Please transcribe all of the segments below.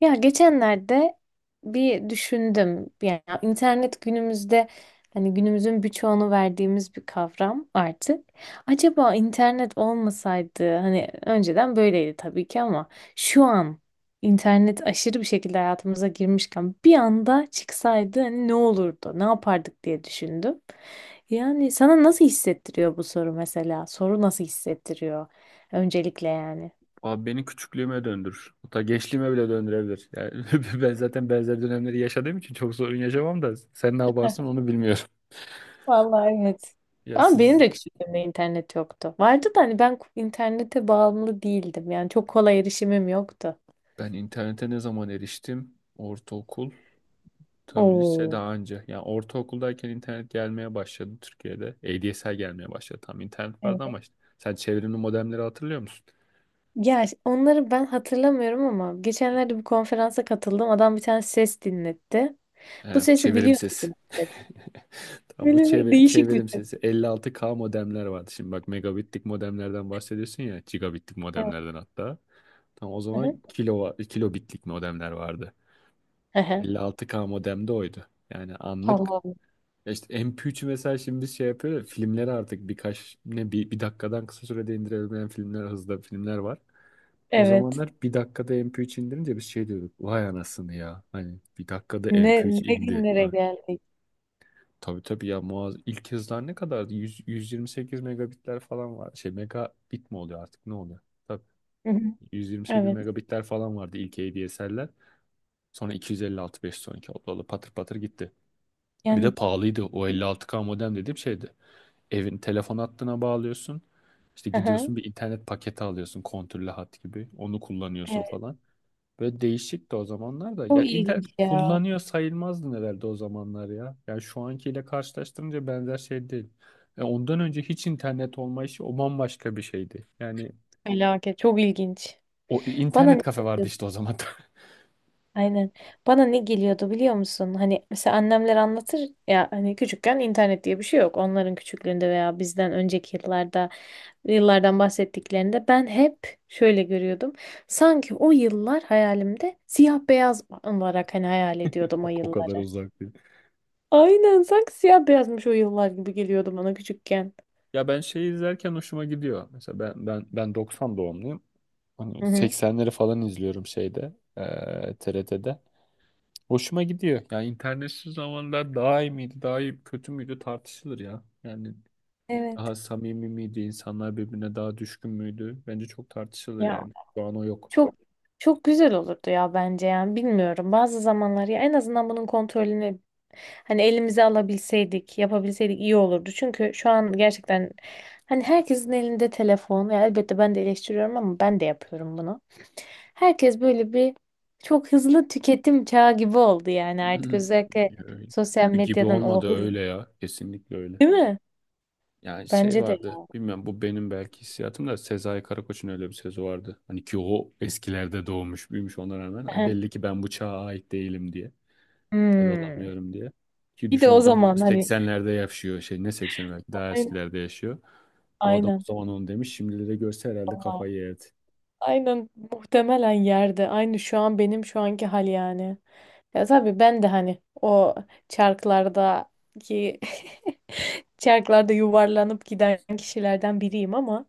Ya geçenlerde bir düşündüm. Yani internet günümüzde hani günümüzün birçoğunu verdiğimiz bir kavram artık. Acaba internet olmasaydı hani önceden böyleydi tabii ki ama şu an internet aşırı bir şekilde hayatımıza girmişken bir anda çıksaydı hani ne olurdu? Ne yapardık diye düşündüm. Yani sana nasıl hissettiriyor bu soru mesela? Soru nasıl hissettiriyor öncelikle yani? Abi beni küçüklüğüme döndürür. Hatta gençliğime bile döndürebilir. Yani ben zaten benzer dönemleri yaşadığım için çok sorun yaşamam da sen ne yaparsın onu bilmiyorum. Vallahi evet. Ya Ama benim siz de küçüklüğümde internet yoktu. Vardı da hani ben internete bağımlı değildim. Yani çok kolay erişimim yoktu. ben internete ne zaman eriştim? Ortaokul, tabii lise Oo. daha önce. Yani ortaokuldayken internet gelmeye başladı Türkiye'de. ADSL gelmeye başladı. Tam internet vardı Evet. ama işte. Sen çevrimli modemleri hatırlıyor musun? Ya onları ben hatırlamıyorum ama geçenlerde bir konferansa katıldım. Adam bir tane ses dinletti. Bu He, sesi çevirim biliyor sesi. musun, dedi. Tamam, o Böyle bir değişik bir çevirim ses. sesi. Elli altı k modemler vardı. Şimdi bak, megabitlik modemlerden bahsediyorsun ya. Gigabitlik Evet. modemlerden hatta. Tamam, o Hı hı. zaman kilobitlik modemler vardı. Hı hı. 56K modem de oydu. Yani anlık, Allah'ım. ya işte MP3'ü mesela şimdi biz şey yapıyor ya, filmleri artık bir dakikadan kısa sürede indirebilen filmler hızda filmler var. O Evet. zamanlar bir dakikada MP3 indirince biz şey diyorduk. Vay anasını ya. Hani bir dakikada mp Ne, üç ne indi. günlere geldik. Tabii tabii ya Muaz, ilk hızlar ne kadardı? 100, 128 megabitler falan var. Şey megabit mi oluyor artık, ne oluyor? Tabii, Hı hı. 128 Evet. megabitler falan vardı ilk ADSL'ler. Sonra 256 512 oldu. Oldu. Patır patır gitti. Bir de Yani pahalıydı. O 56K modem dediğim şeydi. Evin telefon hattına bağlıyorsun. İşte hı hı. gidiyorsun bir internet paketi alıyorsun. Kontürlü hat gibi. Onu kullanıyorsun Evet. falan. Böyle değişikti o zamanlar da. Çok Ya internet ilginç ya. kullanıyor sayılmazdı nelerde o zamanlar ya. Yani şu ankiyle karşılaştırınca benzer şey değil. Ya ondan önce hiç internet olmayışı o bambaşka bir şeydi. Yani Felaket. Çok ilginç. o Bana ne? internet kafe vardı işte o zaman da. Aynen. Bana ne geliyordu biliyor musun? Hani mesela annemler anlatır ya hani küçükken internet diye bir şey yok. Onların küçüklüğünde veya bizden önceki yıllardan bahsettiklerinde ben hep şöyle görüyordum. Sanki o yıllar hayalimde siyah beyaz olarak hani hayal ediyordum o O kadar yılları. uzak değil. Aynen sanki siyah beyazmış o yıllar gibi geliyordu bana küçükken. Ya ben şeyi izlerken hoşuma gidiyor. Mesela ben 90 doğumluyum. Hı Hani hı. 80'leri falan izliyorum şeyde, TRT'de. Hoşuma gidiyor. Yani internetsiz zamanlar daha iyi miydi, daha iyi kötü müydü tartışılır ya. Yani daha Evet. samimi miydi? İnsanlar birbirine daha düşkün müydü? Bence çok tartışılır Ya, yani. Şu an o yok. çok çok güzel olurdu ya bence, yani bilmiyorum, bazı zamanlar ya en azından bunun kontrolünü hani elimize alabilseydik, yapabilseydik iyi olurdu çünkü şu an gerçekten hani herkesin elinde telefon. Ya elbette ben de eleştiriyorum ama ben de yapıyorum bunu. Herkes böyle bir çok hızlı tüketim çağı gibi oldu yani artık, Hmm. özellikle Öyle. sosyal Gibi gibi medyadan o olmadı hız, öyle ya. Kesinlikle öyle. değil mi? Yani şey Bence de. vardı. Bilmiyorum, bu benim belki hissiyatım da, Sezai Karakoç'un öyle bir sözü vardı. Hani ki o eskilerde doğmuş büyümüş ona rağmen. Hani belli ki ben bu çağa ait değilim diye. Tad Hmm. alamıyorum diye. Ki Bir de düşün, o adam onu zaman hani, 80'lerde yaşıyor. Şey ne 80'lerde daha aynen eskilerde yaşıyor. O adam o aynen. zaman onu demiş. Şimdilere görse herhalde kafayı yerdi. Aynen muhtemelen yerde. Aynı şu an benim şu anki hal yani. Ya tabii ben de hani o çarklardaki çarklarda yuvarlanıp giden kişilerden biriyim ama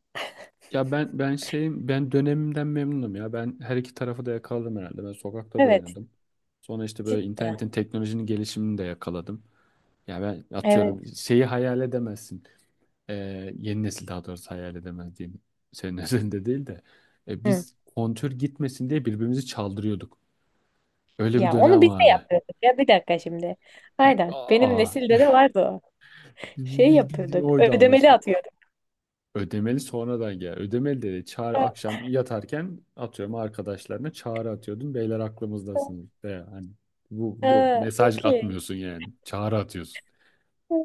Ya ben şeyim, ben dönemimden memnunum ya. Ben her iki tarafı da yakaladım herhalde. Ben sokakta da evet, oynadım. Sonra işte böyle cidden. internetin, teknolojinin gelişimini de yakaladım. Ya ben Evet. atıyorum, şeyi hayal edemezsin. Ee, yeni nesil daha doğrusu hayal edemez diyeyim. Senin üzerinde değil de. E, Hı. biz kontür gitmesin diye birbirimizi çaldırıyorduk. Öyle bir Ya onu dönem biz de vardı. yapıyorduk ya, bir dakika şimdi. Aynen. Benim Aa, nesilde de vardı o. Şey bildiğin yapıyorduk. oydu amaç. Ödemeli atıyorduk. Ödemeli sonradan gel. Ödemeli dedi. Çağrı Ha, akşam yatarken, atıyorum, arkadaşlarına çağrı atıyordum. Beyler aklımızdasınız. De hani bu ha, mesaj okey. atmıyorsun yani. Çağrı atıyorsun. Hı.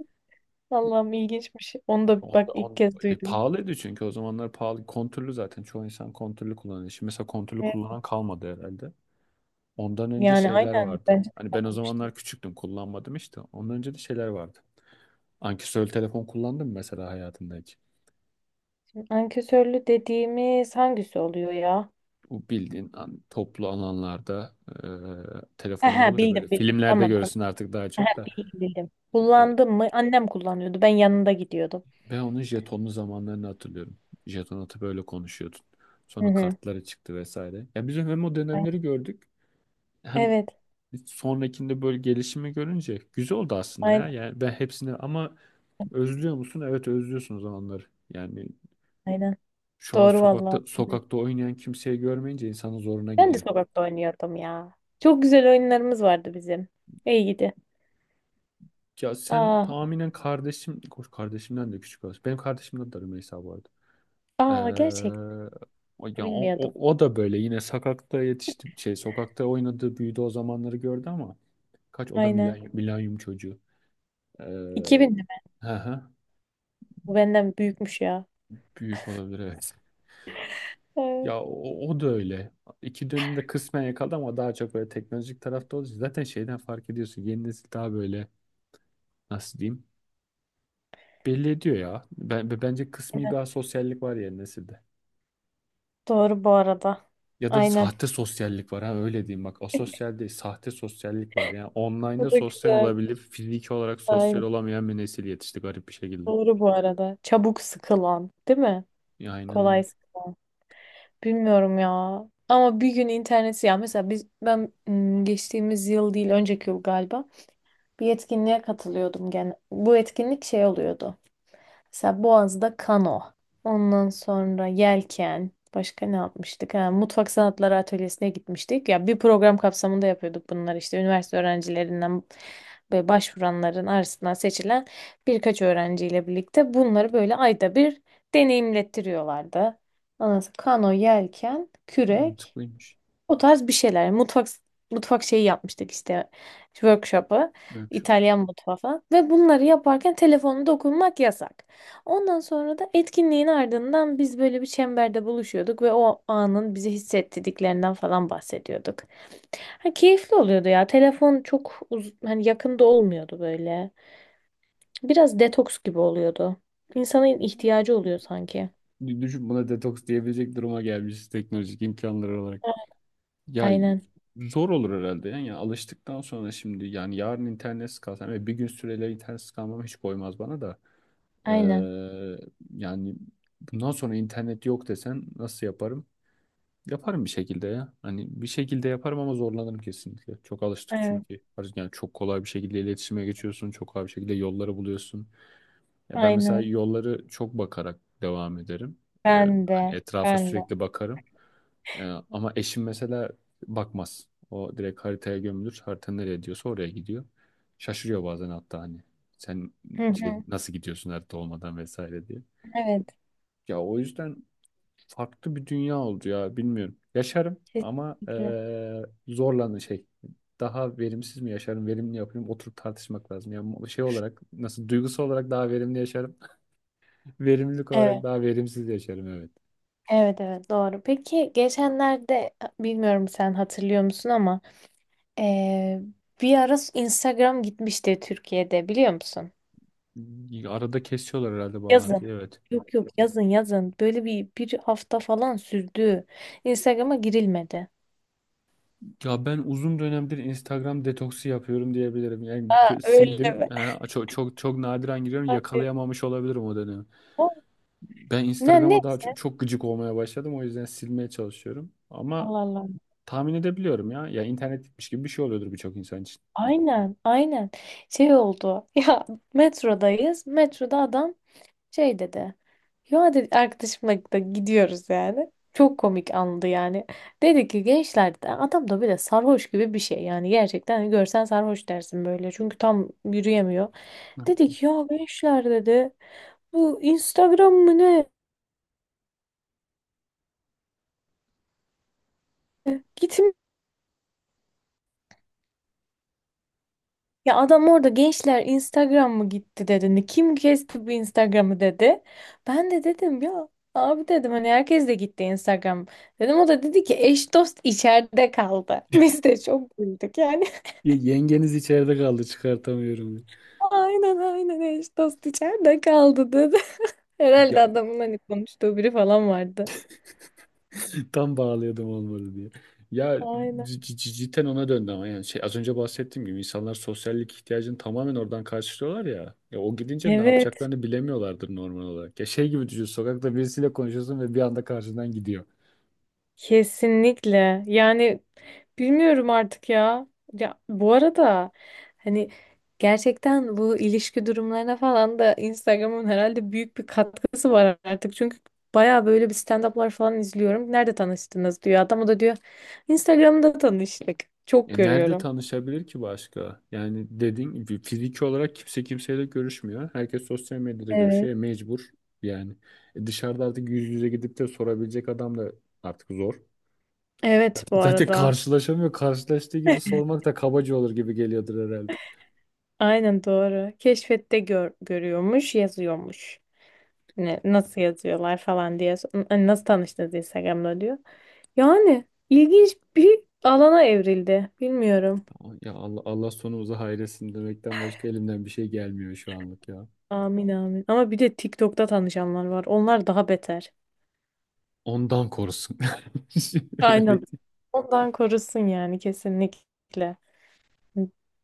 Allah'ım, ilginçmiş. Onu da bak Onda, ilk onda, kez e, duydum. pahalıydı çünkü o zamanlar pahalı. Kontürlü, zaten çoğu insan kontürlü kullanıyor. Şimdi mesela kontürlü Evet. kullanan kalmadı herhalde. Ondan önce Yani şeyler aynen, vardı. bence de Hani ben o yapılmıştır. zamanlar küçüktüm, kullanmadım işte. Ondan önce de şeyler vardı. Ankesörlü telefon kullandın mı mesela hayatında hiç? Ankesörlü dediğimiz hangisi oluyor ya? Bu bildiğin toplu alanlarda He telefonlar he, olur ya böyle. bildim bildim. Filmlerde Tamam tamam. görürsün artık daha He, çok he, da. bildim bildim. E, Kullandım mı? Annem kullanıyordu. Ben yanında gidiyordum. ben onun jetonlu zamanlarını hatırlıyorum. Jeton atıp böyle konuşuyordun. Hı Sonra hı. kartları çıktı vesaire. Ya biz hem o dönemleri gördük, hem Evet. sonrakinde böyle gelişimi görünce güzel oldu aslında ya. Aynen Yani ben hepsini, ama özlüyor musun? Evet, özlüyorsun o zamanları. Yani aynen. şu an Doğru sokakta vallahi. Ben de sokakta oynayan kimseyi görmeyince insanın zoruna gidiyor. sokakta oynuyordum ya. Çok güzel oyunlarımız vardı bizim. İyi gidi. Ya sen Aa, tahminen kardeşim, kardeşimden de küçük olsun. Benim kardeşimden de, Rümeysa bu arada. aa, gerçekten Ee, ya o, bilmiyordum. o, o da böyle yine sokakta yetişti, şey sokakta oynadı, büyüdü, o zamanları gördü ama kaç, o da Aynen. milanyum çocuğu. Ee, 2000 mi? hı hı, Bu benden büyükmüş ya. büyük olabilir evet. Evet. Ya o da öyle. İki dönünü de kısmen yakaladı ama daha çok böyle teknolojik tarafta olduğu zaten şeyden fark ediyorsun. Yeni nesil daha böyle, nasıl diyeyim? Belli ediyor ya. Bence kısmi Aynen. bir asosyallik var yeni nesilde. Doğru bu arada. Ya da Aynen. sahte sosyallik var, ha öyle diyeyim, bak asosyal değil, sahte sosyallik var. Yani online'da Bu da sosyal güzel. olabilip fiziki olarak sosyal Aynen. olamayan bir nesil yetişti garip bir şekilde. Doğru bu arada. Çabuk sıkılan, değil mi? Ya aynen Kolay. öyle. Bilmiyorum ya. Ama bir gün interneti, ya mesela biz geçtiğimiz yıl değil önceki yıl galiba bir etkinliğe katılıyordum gene. Bu etkinlik şey oluyordu. Mesela Boğaz'da kano. Ondan sonra yelken. Başka ne yapmıştık? Ha, mutfak sanatları atölyesine gitmiştik. Ya bir program kapsamında yapıyorduk bunları işte. Üniversite öğrencilerinden ve başvuranların arasından seçilen birkaç öğrenciyle birlikte bunları böyle ayda bir deneyimlettiriyorlardı. Ondan sonra kano, yelken, kürek. Mantıklıymış. O tarz bir şeyler. Mutfak şeyi yapmıştık işte, workshop'ı. Böyle bir İtalyan mutfağı falan. Ve bunları yaparken telefonda dokunmak yasak. Ondan sonra da etkinliğin ardından biz böyle bir çemberde buluşuyorduk ve o anın bizi hissettirdiklerinden falan bahsediyorduk. Ha, keyifli oluyordu ya. Telefon çok hani yakında olmuyordu böyle. Biraz detoks gibi oluyordu. İnsanın ihtiyacı oluyor sanki. şey. Düşün, buna detoks diyebilecek duruma gelmişiz teknolojik imkanlar olarak. Ya Aynen. zor olur herhalde yani. Ya alıştıktan sonra şimdi, yani yarın internetsiz kalsam ve bir gün süreyle internetsiz kalmam hiç koymaz bana da. Aynen. Ee, yani bundan sonra internet yok desen nasıl yaparım? Yaparım bir şekilde ya. Hani bir şekilde yaparım ama zorlanırım kesinlikle. Çok alıştık Evet. çünkü. Hani yani çok kolay bir şekilde iletişime geçiyorsun. Çok kolay bir şekilde yolları buluyorsun. Ya ben mesela Aynen. yolları çok bakarak devam ederim. Ee, Ben hani de. etrafa Ben de. sürekli bakarım. Ee, ama eşim mesela bakmaz. O direkt haritaya gömülür. Harita nereye diyorsa oraya gidiyor. Şaşırıyor bazen hatta hani. Sen Hı şey, hı. nasıl gidiyorsun harita olmadan vesaire diye. Evet, Ya o yüzden farklı bir dünya oldu ya, bilmiyorum. Yaşarım ama kesinlikle. Zorlandı şey. Daha verimsiz mi yaşarım, verimli yapayım, oturup tartışmak lazım. Yani şey olarak nasıl, duygusal olarak daha verimli yaşarım, verimlilik olarak Evet, daha verimsiz yaşarım evet. evet, evet, doğru. Peki geçenlerde, bilmiyorum sen hatırlıyor musun ama eee, bir ara Instagram gitmişti Türkiye'de, biliyor musun? Arada kesiyorlar herhalde Yazın. bağlantıyı evet. Yok yok, yazın yazın. Böyle bir hafta falan sürdü. Instagram'a girilmedi. Ya ben uzun dönemdir Instagram detoksu yapıyorum diyebilirim. Yani Aa, öyle sildim. mi? He, çok çok çok nadiren giriyorum. Hadi. Yakalayamamış olabilirim o dönemi. O, Ben ne? Instagram'a daha çok, çok gıcık olmaya başladım. O yüzden silmeye çalışıyorum. Ama Allah Allah. tahmin edebiliyorum ya. Ya internet gitmiş gibi bir şey oluyordur birçok insan için. Aynen aynen. Şey oldu. Ya, metrodayız. Metroda adam şey dedi. Ya, dedi, arkadaşımla da gidiyoruz yani. Çok komik andı yani. Dedi ki gençler, dedi, adam da bir de sarhoş gibi bir şey yani, gerçekten hani görsen sarhoş dersin böyle, çünkü tam yürüyemiyor. Ne Dedi yaptım? ki ya gençler, dedi, bu Instagram mı ne? Gitme. Ya adam orada "gençler, Instagram mı gitti" dedi. Kim kesti bu Instagram'ı" dedi. Ben de dedim ya, abi dedim, hani herkes de gitti Instagram. Dedim, o da dedi ki eş dost içeride kaldı. Biz de çok güldük. Yani Ya yengeniz içeride kaldı, çıkartamıyorum. aynen aynen, eş dost içeride kaldı dedi. Herhalde Ya adamın hani konuştuğu biri falan vardı. tam bağlıyordum, olmadı diye. Ya Aynen. Cidden ona döndü ama yani şey, az önce bahsettiğim gibi insanlar sosyallik ihtiyacını tamamen oradan karşılıyorlar ya. Ya o gidince ne Evet, yapacaklarını bilemiyorlardır normal olarak. Ya şey gibi düşün, sokakta birisiyle konuşuyorsun ve bir anda karşından gidiyor. kesinlikle. Yani bilmiyorum artık ya. Ya bu arada hani gerçekten bu ilişki durumlarına falan da Instagram'ın herhalde büyük bir katkısı var artık. Çünkü baya böyle bir stand-up'lar falan izliyorum. Nerede tanıştınız, diyor. Adam, o da diyor Instagram'da tanıştık. Çok Nerede görüyorum. tanışabilir ki başka? Yani dediğin gibi fiziki olarak kimse kimseyle görüşmüyor. Herkes sosyal medyada Evet. görüşüyor. Mecbur yani. Dışarıda artık yüz yüze gidip de sorabilecek adam da artık zor. Evet bu Zaten arada. karşılaşamıyor. Karşılaştığı gibi sormak da kabaca olur gibi geliyordur herhalde. Aynen, doğru. Keşfette görüyormuş, yazıyormuş. Nasıl yazıyorlar falan diye. Hani nasıl tanıştınız, Instagram'da diyor. Yani ilginç bir alana evrildi. Bilmiyorum. Ya Allah, Allah sonumuzu hayretsin demekten başka elimden bir şey gelmiyor şu anlık ya. Amin amin. Ama bir de TikTok'ta tanışanlar var. Onlar daha beter. Ondan korusun. Aynen. Öyle Ondan korusun yani, kesinlikle.